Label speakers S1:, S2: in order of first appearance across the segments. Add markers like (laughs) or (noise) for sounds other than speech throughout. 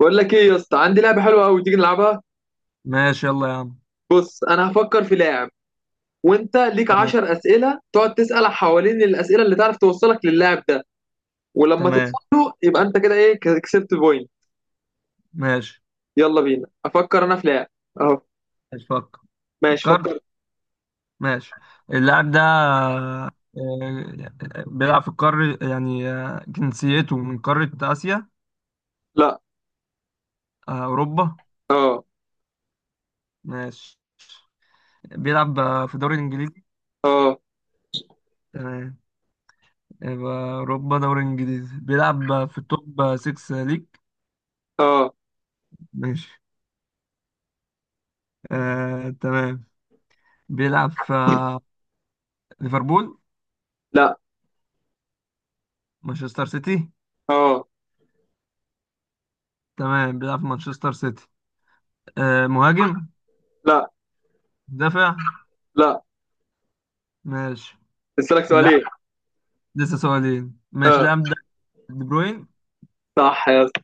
S1: بقول لك ايه يا اسطى؟ عندي لعبه حلوه قوي، تيجي نلعبها.
S2: ماشي يلا يا عم.
S1: بص انا هفكر في لاعب، وانت ليك
S2: تمام.
S1: 10 اسئله تقعد تسال حوالين الاسئله اللي تعرف توصلك للاعب ده. ولما توصل
S2: تمام.
S1: له يبقى انت كده ايه، كسبت بوينت.
S2: ماشي.
S1: يلا بينا، افكر انا في لاعب. اهو
S2: ماشي. فكر.
S1: ماشي
S2: فكرت.
S1: فكر.
S2: ماشي. اللاعب ده بيلعب في القارة يعني. جنسيته من قارة آسيا.
S1: لا.
S2: أوروبا.
S1: اه.
S2: ماشي. بيلعب في الدوري الإنجليزي.
S1: اه.
S2: تمام. يبقى أوروبا دوري إنجليزي بيلعب في التوب 6 ليج.
S1: اه.
S2: ماشي. تمام. بيلعب في ليفربول.
S1: لا.
S2: مانشستر سيتي.
S1: اه.
S2: تمام بيلعب في مانشستر سيتي. مهاجم.
S1: لا.
S2: مدافع.
S1: لا.
S2: ماشي.
S1: اسالك سؤالين.
S2: اللاعب لسه سؤالين ماشي
S1: اه
S2: اللاعب ده دي بروين.
S1: صح يا اسطى،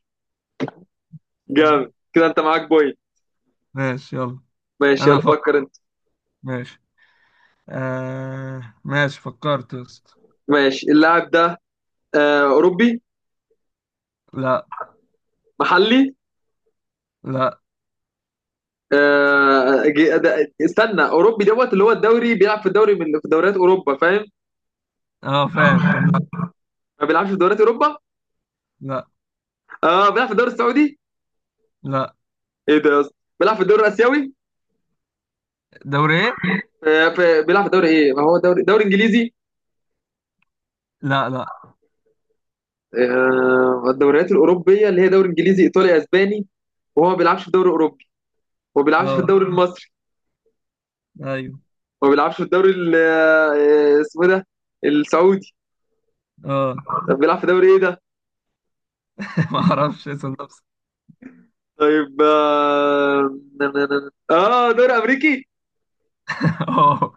S2: ايوه.
S1: جامد كده، انت معاك بوينت.
S2: ماشي يلا.
S1: ماشي
S2: انا
S1: يلا
S2: فكر.
S1: فكر انت.
S2: ماشي. آه ماشي فكرت يا اسطى.
S1: ماشي، اللاعب ده آه اوروبي؟
S2: لا.
S1: محلي؟
S2: لا.
S1: استنى، اوروبي دوت اللي هو الدوري، بيلعب في الدوري، من في دوريات اوروبا، فاهم؟
S2: اه فاهم فاهم لا.
S1: ما بيلعبش في دوريات اوروبا؟
S2: لا.
S1: اه بيلعب في الدوري السعودي؟
S2: لا.
S1: ايه ده يا اسطى؟ بيلعب في الدوري الاسيوي؟
S2: دوري ايه؟
S1: آه في، بيلعب في الدوري ايه؟ ما هو دوري انجليزي.
S2: لا. لا.
S1: آه الدوريات الاوروبيه اللي هي دوري انجليزي، ايطالي، اسباني. وهو ما بيلعبش في الدوري الاوروبي، ما بيلعبش في
S2: اه.
S1: الدوري المصري،
S2: ايوه.
S1: ما بيلعبش في الدوري اسمه إيه ده، السعودي.
S2: اه.
S1: طب بيلعب في دوري ايه ده؟
S2: (laughs) ما اعرفش اسم نفسي.
S1: طيب اه، دوري امريكي؟
S2: اه.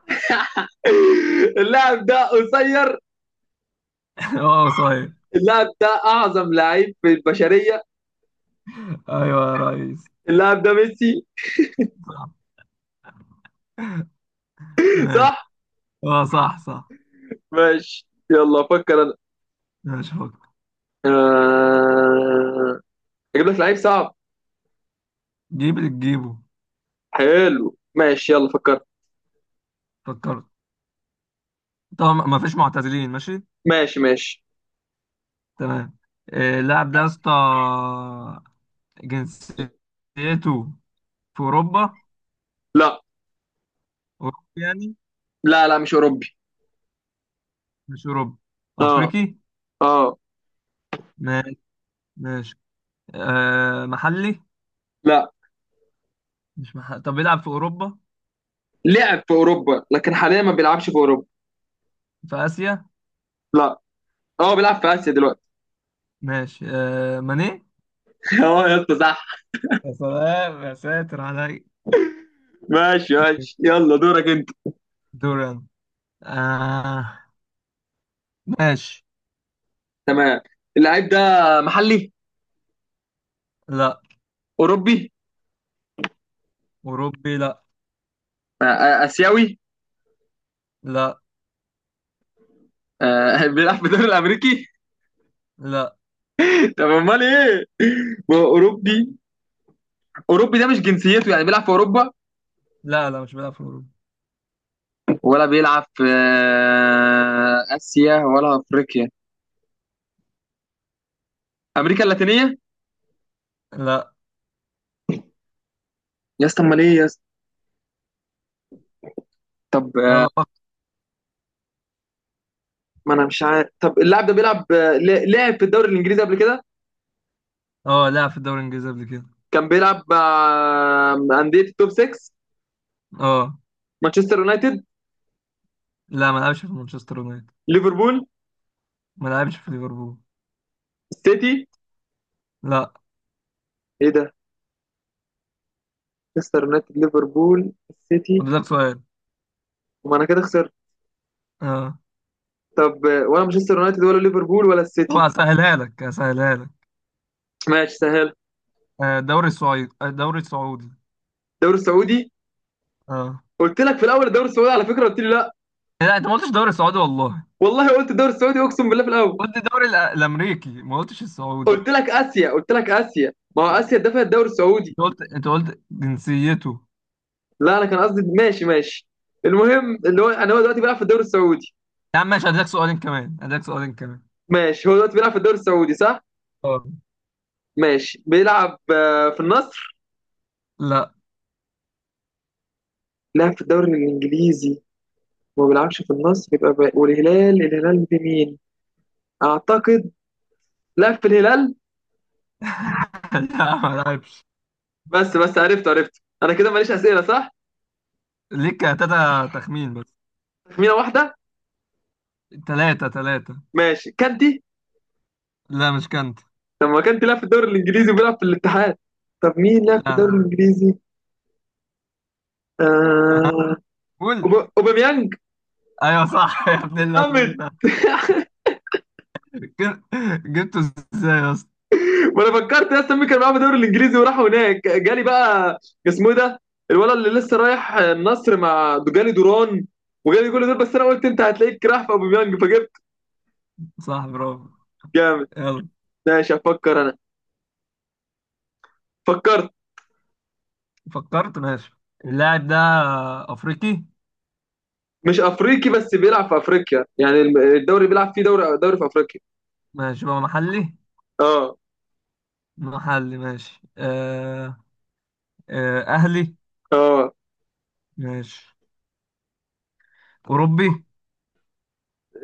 S1: اللاعب ده قصير؟
S2: اه (laughs) صحيح.
S1: اللاعب ده اعظم لعيب في البشريه؟
S2: ايوه يا ريس.
S1: اللاعب ده ميسي؟
S2: صح. ماشي.
S1: صح.
S2: اه صح صح.
S1: ماشي يلا فكر انا.
S2: ماشي فكر.
S1: آه، اجيب لك لعيب صعب.
S2: جيب اللي تجيبه.
S1: حلو ماشي، يلا فكرت.
S2: فكرت. طبعا ما فيش معتزلين. ماشي.
S1: ماشي ماشي.
S2: تمام. اللاعب ده يا اسطى جنسيته في أوروبا.
S1: لا
S2: أوروبي يعني.
S1: لا، لا مش اوروبي.
S2: مش أوروبي.
S1: اه.
S2: أفريقي.
S1: اه.
S2: ماشي. ماشي. أه محلي.
S1: لا،
S2: مش محلي، طب بيلعب في أوروبا؟
S1: لعب في اوروبا لكن حاليا ما بيلعبش في اوروبا.
S2: في آسيا.
S1: لا. اه بيلعب في اسيا دلوقتي.
S2: ماشي أه ماني.
S1: (laughs) اه يا اسطى صح.
S2: يا سلام يا ساتر علي.
S1: ماشي ماشي، يلا دورك انت.
S2: دوران. آه. ماشي.
S1: تمام، اللعيب ده محلي؟
S2: لا.
S1: اوروبي؟
S2: أوروبي لا.
S1: اسيوي؟
S2: لا.
S1: آه (laughs) بيلعب في الدوري الامريكي؟
S2: لا.
S1: (laughs) طب امال ايه؟ ما هو اوروبي، اوروبي ده مش جنسيته، يعني بيلعب في اوروبا.
S2: لا. لا، مش بيلعب في أوروبا.
S1: ولا بيلعب في اسيا، ولا افريقيا، امريكا اللاتينيه؟
S2: لا.
S1: يا اسطى امال ايه يا اسطى؟ طب آه،
S2: يلا فكر.
S1: ما انا مش عارف. طب اللاعب ده بيلعب لعب في الدوري الانجليزي قبل كده؟
S2: اه لعب في الدوري الإنجليزي قبل كده.
S1: كان بيلعب مع انديه التوب 6؟
S2: اه.
S1: مانشستر يونايتد؟
S2: لا، ما لعبش في مانشستر يونايتد.
S1: ليفربول؟
S2: ما لعبش في ليفربول.
S1: السيتي؟
S2: لا.
S1: ايه ده؟ مانشستر يونايتد، ليفربول، السيتي.
S2: فاضل لك سؤال.
S1: وما انا كده خسرت.
S2: اه.
S1: طب آه، ولا مانشستر يونايتد ولا ليفربول ولا
S2: طبعا
S1: السيتي؟
S2: هسهلها لك، هسهلها لك.
S1: ماشي سهل.
S2: الدوري السعودي، الدوري السعودي.
S1: الدوري السعودي؟
S2: اه.
S1: قلت لك في الاول الدوري السعودي، على فكره قلت لي لا.
S2: لا، انت ما قلتش الدوري السعودي والله.
S1: والله قلت الدوري السعودي، اقسم بالله، في الاول.
S2: قلت الدوري الامريكي، ما قلتش السعودي.
S1: قلت لك اسيا، قلت لك اسيا، ما هو اسيا دفع الدوري السعودي.
S2: انت قلت جنسيته.
S1: لا انا كان قصدي، ماشي ماشي. المهم اللي هو انا، هو دلوقتي بيلعب في الدوري السعودي.
S2: يا عم ماشي، هديلك سؤالين كمان، هديلك سؤالين كمان.
S1: ماشي، هو دلوقتي بيلعب في الدوري السعودي صح.
S2: اه.
S1: ماشي، بيلعب في النصر؟
S2: لا.
S1: لعب في الدوري الانجليزي، ما بيلعبش في النصر، يبقى بقى. والهلال، الهلال في مين؟ اعتقد لعب في الهلال.
S2: (laughs) لا، ما لعبش.
S1: بس عرفت، عرفت انا كده ماليش اسئله صح.
S2: ليك تلاتة تخمين بس.
S1: تخمينه واحده.
S2: تلاتة تلاتة.
S1: ماشي كانتي.
S2: لا مش كانت.
S1: طب ما كان بيلعب في الدوري الانجليزي وبيلعب في الاتحاد؟ طب مين لعب في
S2: لا.
S1: الدوري الانجليزي؟
S2: أه.
S1: آه،
S2: قول.
S1: اوباميانج.
S2: ايوه صح (laughs) يا ابن
S1: جامد.
S2: الذين. جب- جبته ازاي يا اسطى.
S1: ما انا فكرت يا اسطى مين كان معاه في الدوري الانجليزي وراح هناك، جالي بقى اسمه إيه ده، الولد اللي لسه رايح النصر، مع جالي دوران، وجالي كل دول، بس انا قلت انت هتلاقيك راح في اوباميانج فجبت.
S2: صح برافو.
S1: جامد.
S2: يلا.
S1: ماشي افكر انا. فكرت.
S2: فكرت. ماشي. اللاعب ده افريقي.
S1: مش افريقي، بس بيلعب في افريقيا، يعني الدوري بيلعب فيه، دوري في افريقيا.
S2: ماشي بقى محلي.
S1: اه.
S2: محلي ماشي. آه. آه اهلي.
S1: اه.
S2: ماشي. اوروبي.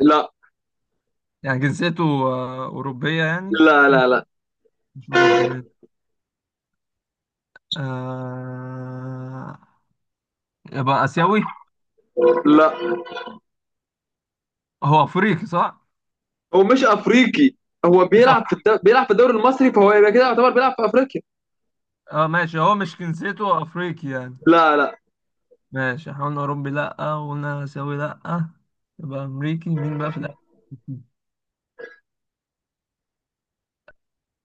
S1: لا.
S2: يعني جنسيته آه اوروبيه يعني.
S1: لا. لا. لا.
S2: مش اوروبي ماشي. آه. يبقى اسيوي.
S1: لا.
S2: هو افريقي صح.
S1: هو مش افريقي. هو
S2: مش
S1: بيلعب في
S2: افريقي.
S1: بيلعب في الدوري المصري، فهو يبقى كده يعتبر بيلعب في افريقيا.
S2: اه ماشي، هو مش جنسيته افريقي يعني.
S1: لا. لا.
S2: ماشي، احنا قلنا اوروبي لا، وقلنا اسيوي لا. يبقى امريكي؟ مين بقى في الاخر؟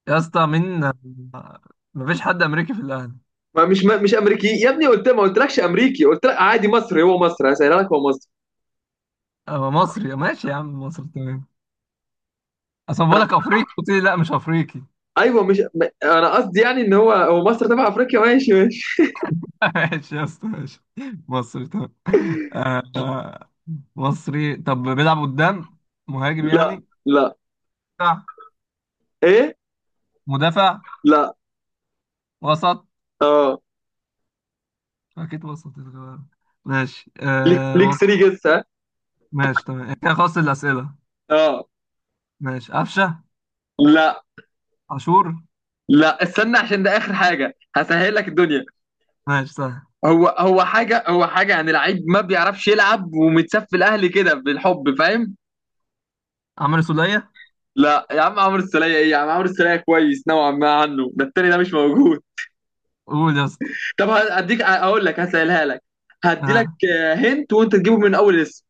S2: يا اسطى مين؟ مفيش حد امريكي في الاهلي.
S1: ما مش ما مش امريكي يا ابني، قلت ما قلتلكش امريكي، قلت لك عادي مصري، هو مصري، هسهلها لك، هو مصري.
S2: هو مصري ماشي يا عم، مصري تمام. اصل بقول لك افريقي، قلت لي لا مش افريقي.
S1: ايوه مش ما- انا قصدي يعني ان هو، هو مصر تبع افريقيا. ماشي ماشي.
S2: (laughs) ماشي يا اسطى ماشي. مصري تمام. آه، آه، مصري طب بيلعب قدام؟ مهاجم
S1: لا.
S2: يعني؟
S1: لا.
S2: دفاع.
S1: ايه؟
S2: مدافع.
S1: لا.
S2: وسط.
S1: اه.
S2: اكيد وسط. ماشي
S1: ليك
S2: آه
S1: ليك
S2: وسط.
S1: 3 جيس، ها.
S2: ماشي تمام إيه، كده خلصت الاسئله.
S1: اه.
S2: ماشي قفشه.
S1: لا.
S2: عاشور.
S1: لا استنى، عشان ده اخر حاجه، هسهل لك الدنيا.
S2: ماشي سهل.
S1: هو حاجه يعني، لعيب ما بيعرفش يلعب ومتساب في الاهلي كده بالحب، فاهم؟
S2: عمرو سوليه.
S1: لا يا عم، عمرو السولية ايه يا عم؟ عمرو السولية كويس نوعا ما عنه، ده التاني ده مش موجود.
S2: قول يا اسطى.
S1: (laughs) طب هديك، اقول لك، هسألها لك، هدي لك.
S2: اه.
S1: هنت وانت تجيبه من اول اسم.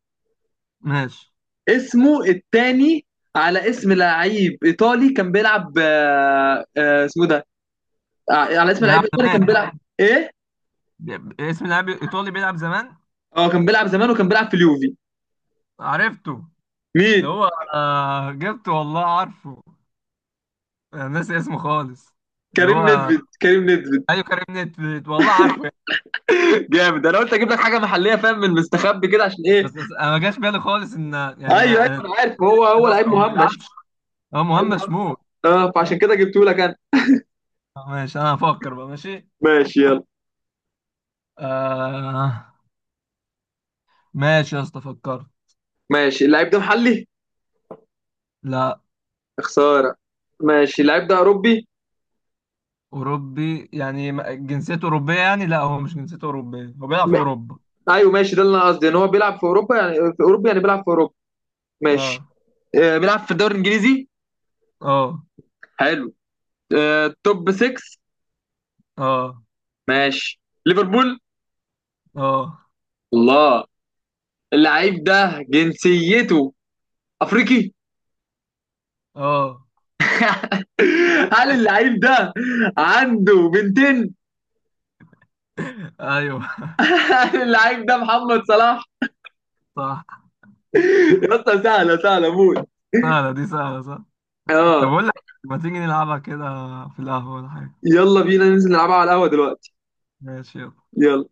S2: ماشي.
S1: اسمه التاني، على اسم لعيب ايطالي كان بيلعب، اسمه ده على اسم لعيب
S2: بيلعب
S1: ايطالي كان
S2: زمان.
S1: بيلعب. ايه؟
S2: اسم لاعب ايطالي بيلعب زمان.
S1: اه كان بيلعب زمان، وكان بيلعب في اليوفي.
S2: عرفته. اللي
S1: مين؟
S2: هو. آه جبته والله عارفه. انا ناسي اسمه خالص. اللي
S1: كريم
S2: هو.
S1: نيدفيد، كريم نيدفيد.
S2: ايوه كريم نيدفيد والله عارفه يعني.
S1: (laughs) جامد، انا قلت اجيب لك حاجه محليه فاهم من المستخبي كده، عشان ايه.
S2: بس انا ما جاش بالي خالص ان يعني
S1: ايوه ايوه انا عارف، هو
S2: نيدفيد
S1: هو لعيب
S2: اصلا هو ما بيلعبش.
S1: مهمش.
S2: هو
S1: لعيب
S2: مهمش
S1: مهمش،
S2: شمول.
S1: اه فعشان
S2: آه،
S1: كده جبته لك.
S2: ماشي انا هفكر بقى، ماشي.
S1: ماشي يلا.
S2: آه ماشي يا اسطى فكرت.
S1: ماشي، اللعيب ده محلي؟
S2: لا.
S1: يا خساره. ماشي، اللعيب ده اوروبي؟
S2: اوروبي يعني جنسيته اوروبيه يعني، لا هو مش جنسيته اوروبيه، هو بيلعب في
S1: م...
S2: اوروبا.
S1: ايوه ماشي، ده اللي انا قصدي، ان هو بيلعب في اوروبا، يعني في اوروبا، يعني بيلعب في اوروبا. ماشي.
S2: اه.
S1: آه بيلعب في الدوري الانجليزي.
S2: اه.
S1: حلو. آه توب 6.
S2: اه.
S1: ماشي. ليفربول؟
S2: اه.
S1: الله. اللعيب ده جنسيته افريقي؟
S2: اه
S1: (laughs) هل
S2: (laughs)
S1: اللعيب ده عنده بنتين؟
S2: ايوه (laughs)
S1: (laughs) هل اللعيب ده محمد صلاح؟
S2: صح.
S1: يا اسطى سهله، سهله موت.
S2: سهلة دي سهلة صح. طب
S1: اه.
S2: اقول لك، ما تيجي نلعبها كده في القهوة ولا حاجة؟
S1: يلا بينا ننزل نلعبها على القهوه دلوقتي.
S2: ماشي يلا.
S1: يلا.